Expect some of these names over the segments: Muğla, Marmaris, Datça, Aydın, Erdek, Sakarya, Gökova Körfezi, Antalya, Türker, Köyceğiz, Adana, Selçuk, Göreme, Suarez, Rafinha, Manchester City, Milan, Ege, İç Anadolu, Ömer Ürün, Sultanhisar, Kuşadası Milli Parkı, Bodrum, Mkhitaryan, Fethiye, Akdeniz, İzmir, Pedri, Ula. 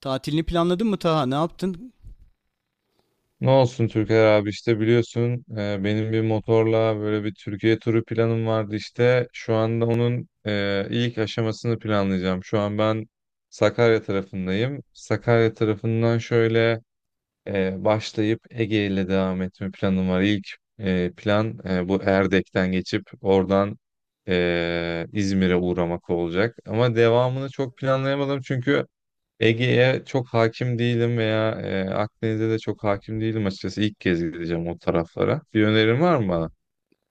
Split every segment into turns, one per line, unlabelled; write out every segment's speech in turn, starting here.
Tatilini planladın mı Taha? Ne yaptın?
Ne olsun Türker abi işte biliyorsun benim bir motorla böyle bir Türkiye turu planım vardı işte. Şu anda onun ilk aşamasını planlayacağım. Şu an ben Sakarya tarafındayım. Sakarya tarafından şöyle başlayıp Ege ile devam etme planım var. İlk plan bu Erdek'ten geçip oradan İzmir'e uğramak olacak. Ama devamını çok planlayamadım çünkü Ege'ye çok hakim değilim veya Akdeniz'e de çok hakim değilim açıkçası. İlk kez gideceğim o taraflara. Bir önerin var mı bana?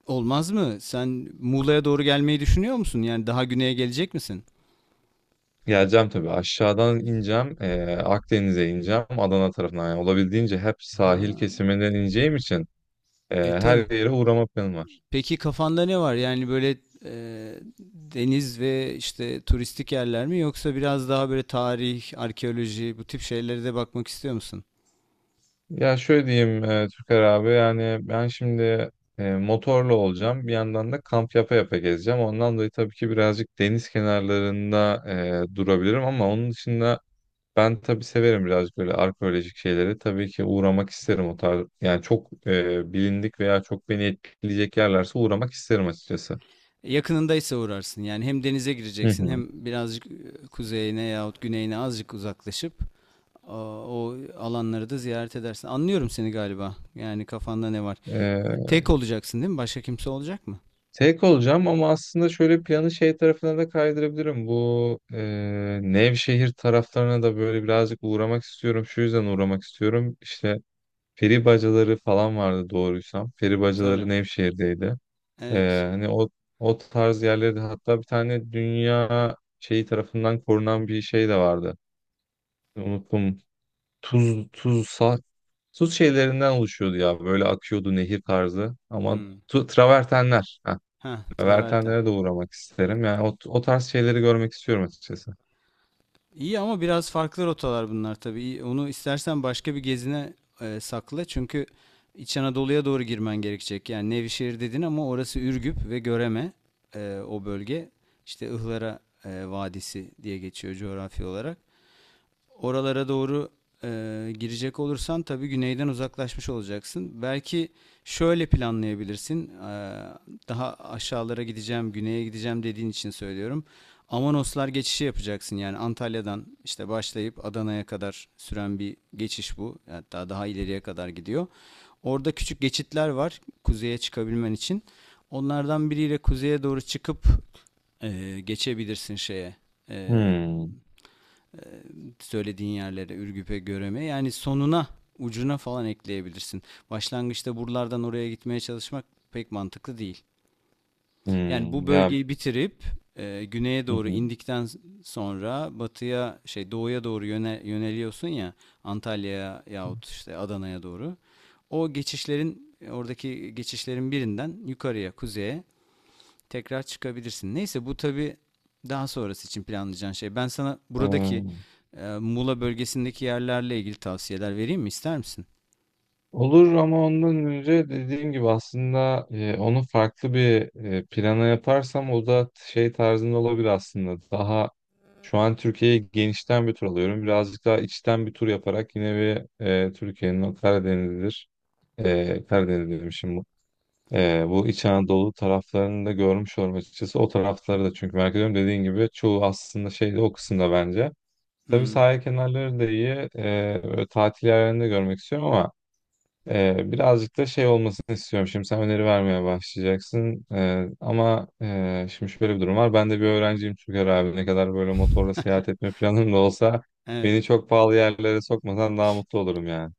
Olmaz mı? Sen Muğla'ya doğru gelmeyi düşünüyor musun? Yani daha güneye gelecek misin?
Geleceğim tabii. Aşağıdan ineceğim. Akdeniz'e ineceğim. Adana tarafından. Yani olabildiğince hep
Ha,
sahil kesiminden ineceğim için her
tabii.
yere uğrama planım var.
Peki kafanda ne var? Yani böyle e, deniz ve işte turistik yerler mi, yoksa biraz daha böyle tarih, arkeoloji, bu tip şeylere de bakmak istiyor musun?
Ya şöyle diyeyim Türker abi. Yani ben şimdi motorla olacağım. Bir yandan da kamp yapa yapa gezeceğim. Ondan dolayı tabii ki birazcık deniz kenarlarında durabilirim ama onun dışında ben tabii severim birazcık böyle arkeolojik şeyleri. Tabii ki uğramak isterim o tarz. Yani çok bilindik veya çok beni etkileyecek yerlerse uğramak isterim açıkçası.
Yakınındaysa uğrarsın. Yani hem denize
Hı
gireceksin
hı.
hem birazcık kuzeyine yahut güneyine azıcık uzaklaşıp a, o alanları da ziyaret edersin. Anlıyorum seni galiba. Yani kafanda ne var?
E,
Tek olacaksın değil mi? Başka kimse olacak mı?
tek olacağım ama aslında şöyle planı şey tarafına da kaydırabilirim. Bu Nevşehir taraflarına da böyle birazcık uğramak istiyorum. Şu yüzden uğramak istiyorum. İşte peri bacaları falan vardı doğruysam. Peri bacaları
Tabii.
Nevşehir'deydi.
Evet.
Hani o tarz yerlerde hatta bir tane dünya şeyi tarafından korunan bir şey de vardı. Unuttum. Tuz tuzsa tuz şeylerinden oluşuyordu ya. Böyle akıyordu nehir tarzı. Ama
Hmm.
travertenler. Heh,
Ha, traverten.
travertenlere de uğramak isterim. Yani o tarz şeyleri görmek istiyorum açıkçası.
İyi ama biraz farklı rotalar bunlar tabii. İyi, onu istersen başka bir gezine sakla. Çünkü İç Anadolu'ya doğru girmen gerekecek. Yani Nevşehir dedin ama orası Ürgüp ve Göreme, o bölge. İşte Ihlara Vadisi diye geçiyor coğrafi olarak. Oralara doğru e, girecek olursan tabii güneyden uzaklaşmış olacaksın. Belki şöyle planlayabilirsin. Daha aşağılara gideceğim, güneye gideceğim dediğin için söylüyorum. Amanoslar geçişi yapacaksın, yani Antalya'dan işte başlayıp Adana'ya kadar süren bir geçiş bu. Hatta daha ileriye kadar gidiyor. Orada küçük geçitler var kuzeye çıkabilmen için. Onlardan biriyle kuzeye doğru çıkıp geçebilirsin şeye. E,
Hmm.
Söylediğin yerlere Ürgüp'e Görem'e, yani sonuna ucuna falan ekleyebilirsin. Başlangıçta buralardan oraya gitmeye çalışmak pek mantıklı değil. Yani
Hmm.
bu
Ya.
bölgeyi bitirip güneye
Hı
doğru
hı.
indikten sonra batıya şey doğuya doğru yöneliyorsun ya, Antalya'ya yahut işte Adana'ya doğru. O geçişlerin, oradaki geçişlerin birinden yukarıya kuzeye tekrar çıkabilirsin. Neyse, bu tabii daha sonrası için planlayacağın şey. Ben sana buradaki
Ee,
Muğla bölgesindeki yerlerle ilgili tavsiyeler vereyim mi? İster misin?
Olur ama ondan önce dediğim gibi aslında onu farklı bir plana yaparsam o da şey tarzında olabilir aslında. Daha şu an Türkiye'yi genişten bir tur alıyorum. Birazcık daha içten bir tur yaparak yine bir Türkiye'nin o Karadeniz'dir. Karadeniz diyorum şimdi. Bu İç Anadolu taraflarını da görmüş olurum açıkçası. O tarafları da çünkü merak ediyorum. Dediğin gibi çoğu aslında şeyde o kısımda bence. Tabii
Hmm,
sahil kenarları da iyi. Böyle tatil yerlerini de görmek istiyorum ama birazcık da şey olmasını istiyorum. Şimdi sen öneri vermeye başlayacaksın. Ama şimdi şöyle bir durum var. Ben de bir öğrenciyim Türker abi. Ne kadar böyle motorla seyahat etme planım da olsa
evet.
beni çok pahalı yerlere sokmasan daha mutlu olurum yani.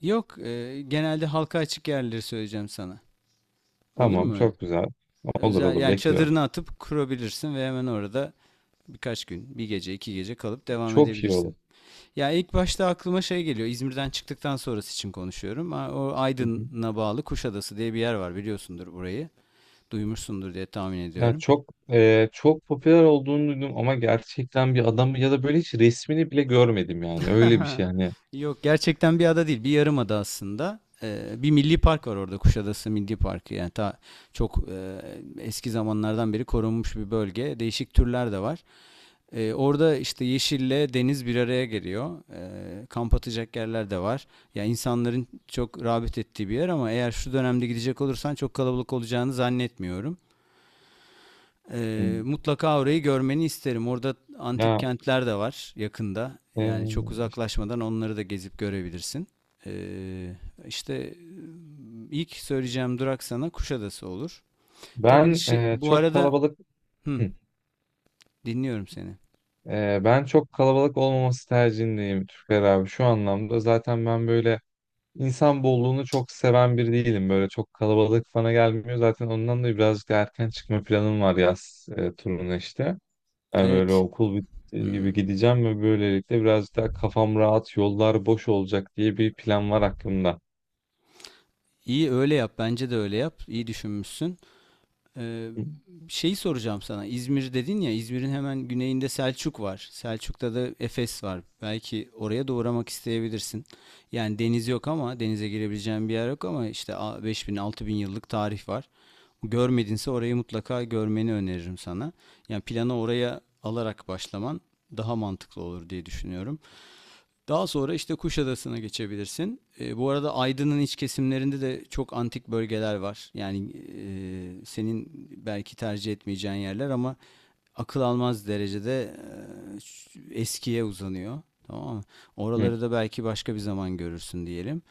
Yok, genelde halka açık yerleri söyleyeceğim sana. Olur
Tamam,
mu öyle?
çok güzel. Olur
Özel,
olur
yani
bekliyorum.
çadırını atıp kurabilirsin ve hemen orada birkaç gün, bir gece, iki gece kalıp devam
Çok iyi olur.
edebilirsin. Ya ilk başta aklıma şey geliyor. İzmir'den çıktıktan sonrası için konuşuyorum. O
Hı hı.
Aydın'a bağlı Kuşadası diye bir yer var, biliyorsundur burayı. Duymuşsundur diye tahmin
Ya
ediyorum.
çok popüler olduğunu duydum ama gerçekten bir adam ya da böyle hiç resmini bile görmedim yani. Öyle bir şey hani.
Yok, gerçekten bir ada değil, bir yarım ada aslında. Bir milli park var orada, Kuşadası Milli Parkı, yani ta çok eski zamanlardan beri korunmuş bir bölge. Değişik türler de var. Orada işte yeşille deniz bir araya geliyor. Kamp atacak yerler de var. Ya insanların çok rağbet ettiği bir yer ama eğer şu dönemde gidecek olursan çok kalabalık olacağını zannetmiyorum.
Hmm.
Mutlaka orayı görmeni isterim. Orada antik
Ya
kentler de var yakında.
e,
Yani çok uzaklaşmadan onları da gezip görebilirsin. Ee, işte ilk söyleyeceğim durak sana Kuşadası olur. Tabii
ben
şey, bu
çok
arada
kalabalık.
hı,
Hı.
dinliyorum seni.
Ben çok kalabalık olmaması tercihindeyim Türker abi şu anlamda. Zaten ben böyle insan bolluğunu çok seven biri değilim. Böyle çok kalabalık bana gelmiyor. Zaten ondan da birazcık erken çıkma planım var yaz turuna işte. Yani böyle
Evet.
okul bittiği gibi
Hı.
gideceğim ve böylelikle birazcık daha kafam rahat, yollar boş olacak diye bir plan var aklımda.
İyi, öyle yap. Bence de öyle yap. İyi düşünmüşsün. Ee,
Hı.
Şeyi soracağım sana. İzmir dedin ya, İzmir'in hemen güneyinde Selçuk var. Selçuk'ta da Efes var. Belki oraya da uğramak isteyebilirsin. Yani deniz yok, ama denize girebileceğin bir yer yok ama işte 5000 bin altı bin yıllık tarih var. Görmedinse orayı mutlaka görmeni öneririm sana. Yani plana oraya alarak başlaman daha mantıklı olur diye düşünüyorum. Daha sonra işte Kuşadası'na geçebilirsin. E, bu arada Aydın'ın iç kesimlerinde de çok antik bölgeler var. Yani senin belki tercih etmeyeceğin yerler ama akıl almaz derecede e, eskiye uzanıyor. Tamam mı?
Hı.
Oraları da belki başka bir zaman görürsün diyelim.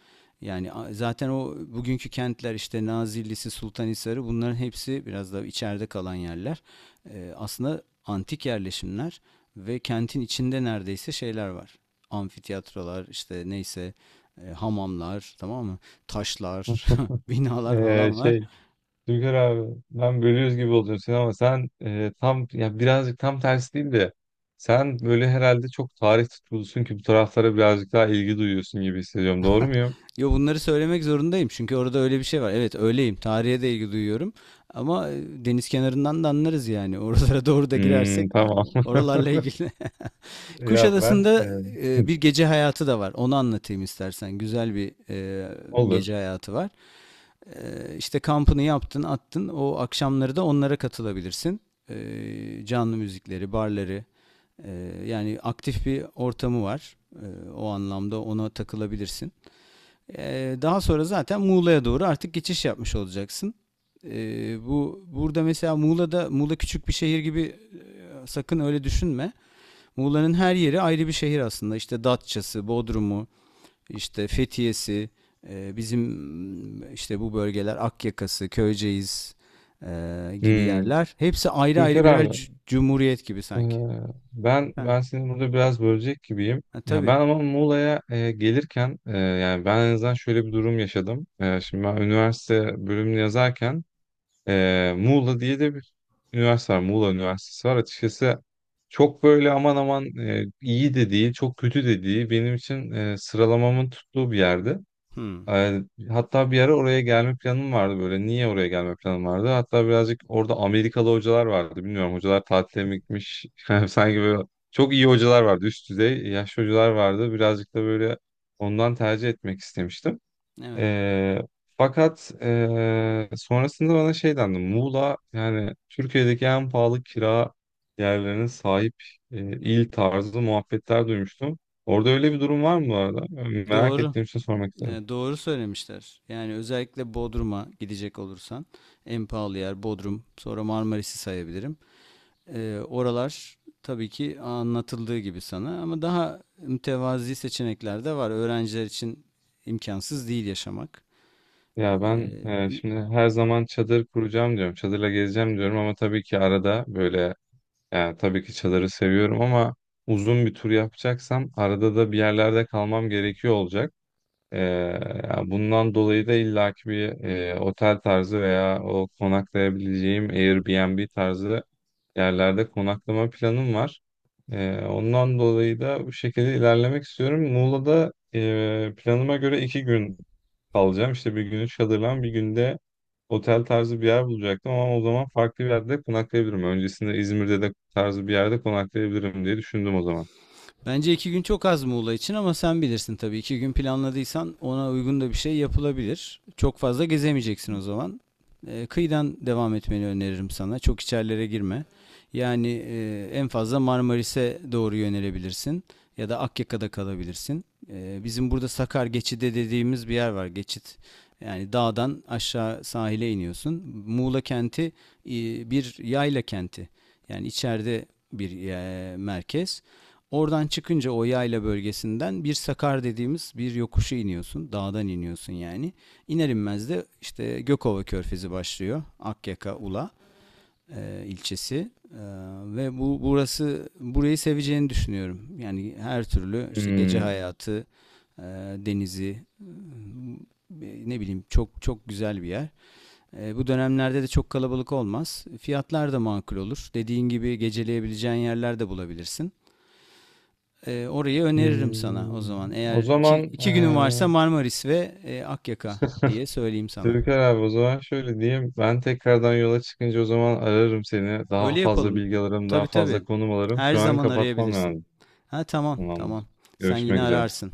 Yani zaten o bugünkü kentler işte Nazilli'si, Sultanhisar'ı, bunların hepsi biraz da içeride kalan yerler. Aslında antik yerleşimler ve kentin içinde neredeyse şeyler var. Amfiteyatrolar işte, neyse, hamamlar, tamam mı? Taşlar, binalar
Ee,
falan var.
şey Türker abi ben bölüyoruz gibi oldun sen ama sen tam ya birazcık tam tersi değil de sen böyle herhalde çok tarih tutkulusun ki bu taraflara birazcık daha ilgi duyuyorsun gibi hissediyorum. Doğru muyum?
Yo, bunları söylemek zorundayım çünkü orada öyle bir şey var. Evet, öyleyim. Tarihe de ilgi duyuyorum. Ama deniz kenarından da anlarız yani. Oralara doğru da girersek
Hmm, tamam.
oralarla ilgili.
Ya ben
Kuşadası'nda
hı,
bir gece hayatı da var. Onu anlatayım istersen. Güzel bir gece
olur.
hayatı var. E, işte kampını yaptın, attın. O akşamları da onlara katılabilirsin. E, canlı müzikleri, barları. e, Yani aktif bir ortamı var. E, o anlamda ona takılabilirsin. Daha sonra zaten Muğla'ya doğru artık geçiş yapmış olacaksın. Bu burada mesela Muğla'da, Muğla küçük bir şehir gibi, sakın öyle düşünme. Muğla'nın her yeri ayrı bir şehir aslında. İşte Datça'sı, Bodrum'u, işte Fethiye'si, bizim işte bu bölgeler Akyaka'sı, Köyceğiz gibi
Hmm.
yerler. Hepsi ayrı ayrı
Türker
birer
abi
cumhuriyet gibi
e,
sanki.
ben
Efendim?
ben seni burada biraz bölecek gibiyim.
Ha,
Ya
tabii.
ben ama Muğla'ya gelirken yani ben en azından şöyle bir durum yaşadım. Şimdi ben üniversite bölümünü yazarken. Muğla diye de bir üniversite var. Muğla Üniversitesi var. Açıkçası çok böyle aman aman iyi de değil, çok kötü de değil. Benim için sıralamamın tuttuğu bir yerdi.
Hmm,
Ee, hatta bir ara oraya gelme planım vardı böyle. Niye oraya gelme planım vardı? Hatta birazcık orada Amerikalı hocalar vardı. Bilmiyorum hocalar tatile mi gitmiş? Yani sanki böyle çok iyi hocalar vardı. Üst düzey yaşlı hocalar vardı. Birazcık da böyle ondan tercih etmek istemiştim.
evet.
Ee, fakat sonrasında bana şey dendi. Muğla yani Türkiye'deki en pahalı kira yerlerine sahip il tarzı muhabbetler duymuştum. Orada öyle bir durum var mı bu arada? Yani merak
Doğru.
ettiğim için sormak istedim.
E, doğru söylemişler. Yani özellikle Bodrum'a gidecek olursan en pahalı yer Bodrum. Sonra Marmaris'i sayabilirim. E, oralar tabii ki anlatıldığı gibi sana, ama daha mütevazi seçenekler de var. Öğrenciler için imkansız değil yaşamak.
Ya ben
E,
şimdi her zaman çadır kuracağım diyorum. Çadırla gezeceğim diyorum ama tabii ki arada böyle yani tabii ki çadırı seviyorum ama uzun bir tur yapacaksam arada da bir yerlerde kalmam gerekiyor olacak. Ee, yani bundan dolayı da illaki bir otel tarzı veya o konaklayabileceğim Airbnb tarzı yerlerde konaklama planım var. Ondan dolayı da bu şekilde ilerlemek istiyorum. Muğla'da planıma göre 2 gün kalacağım. İşte bir günü çadırlan, bir günde otel tarzı bir yer bulacaktım ama o zaman farklı bir yerde konaklayabilirim. Öncesinde İzmir'de de tarzı bir yerde konaklayabilirim diye düşündüm o zaman.
bence iki gün çok az Muğla için ama sen bilirsin tabii. İki gün planladıysan ona uygun da bir şey yapılabilir. Çok fazla gezemeyeceksin o zaman. Kıyıdan devam etmeni öneririm sana. Çok içerilere girme. Yani en fazla Marmaris'e doğru yönelebilirsin. Ya da Akyaka'da kalabilirsin. Bizim burada Sakar Geçidi dediğimiz bir yer var. Geçit. Yani dağdan aşağı sahile iniyorsun. Muğla kenti e, bir yayla kenti. Yani içeride bir merkez. Oradan çıkınca o yayla bölgesinden bir sakar dediğimiz bir yokuşa iniyorsun. Dağdan iniyorsun yani. İner inmez de işte Gökova Körfezi başlıyor. Akyaka Ula ilçesi. E, ve burası, burayı seveceğini düşünüyorum. Yani her türlü işte gece
Hmm.
hayatı, e, denizi, ne bileyim, çok çok güzel bir yer. E, bu dönemlerde de çok kalabalık olmaz. Fiyatlar da makul olur. Dediğin gibi geceleyebileceğin yerler de bulabilirsin. Orayı öneririm sana o
Hmm.
zaman. Eğer
O zaman
iki günün varsa Marmaris ve Akyaka diye söyleyeyim sana.
Türker abi o zaman şöyle diyeyim. Ben tekrardan yola çıkınca o zaman ararım seni. Daha
Öyle
fazla
yapalım.
bilgi alırım, daha
Tabii
fazla
tabii.
konum alırım.
Her
Şu an
zaman
kapatmam
arayabilirsin.
lazım.
Ha, tamam tamam.
Tamamdır.
Sen yine
Görüşmek üzere.
ararsın.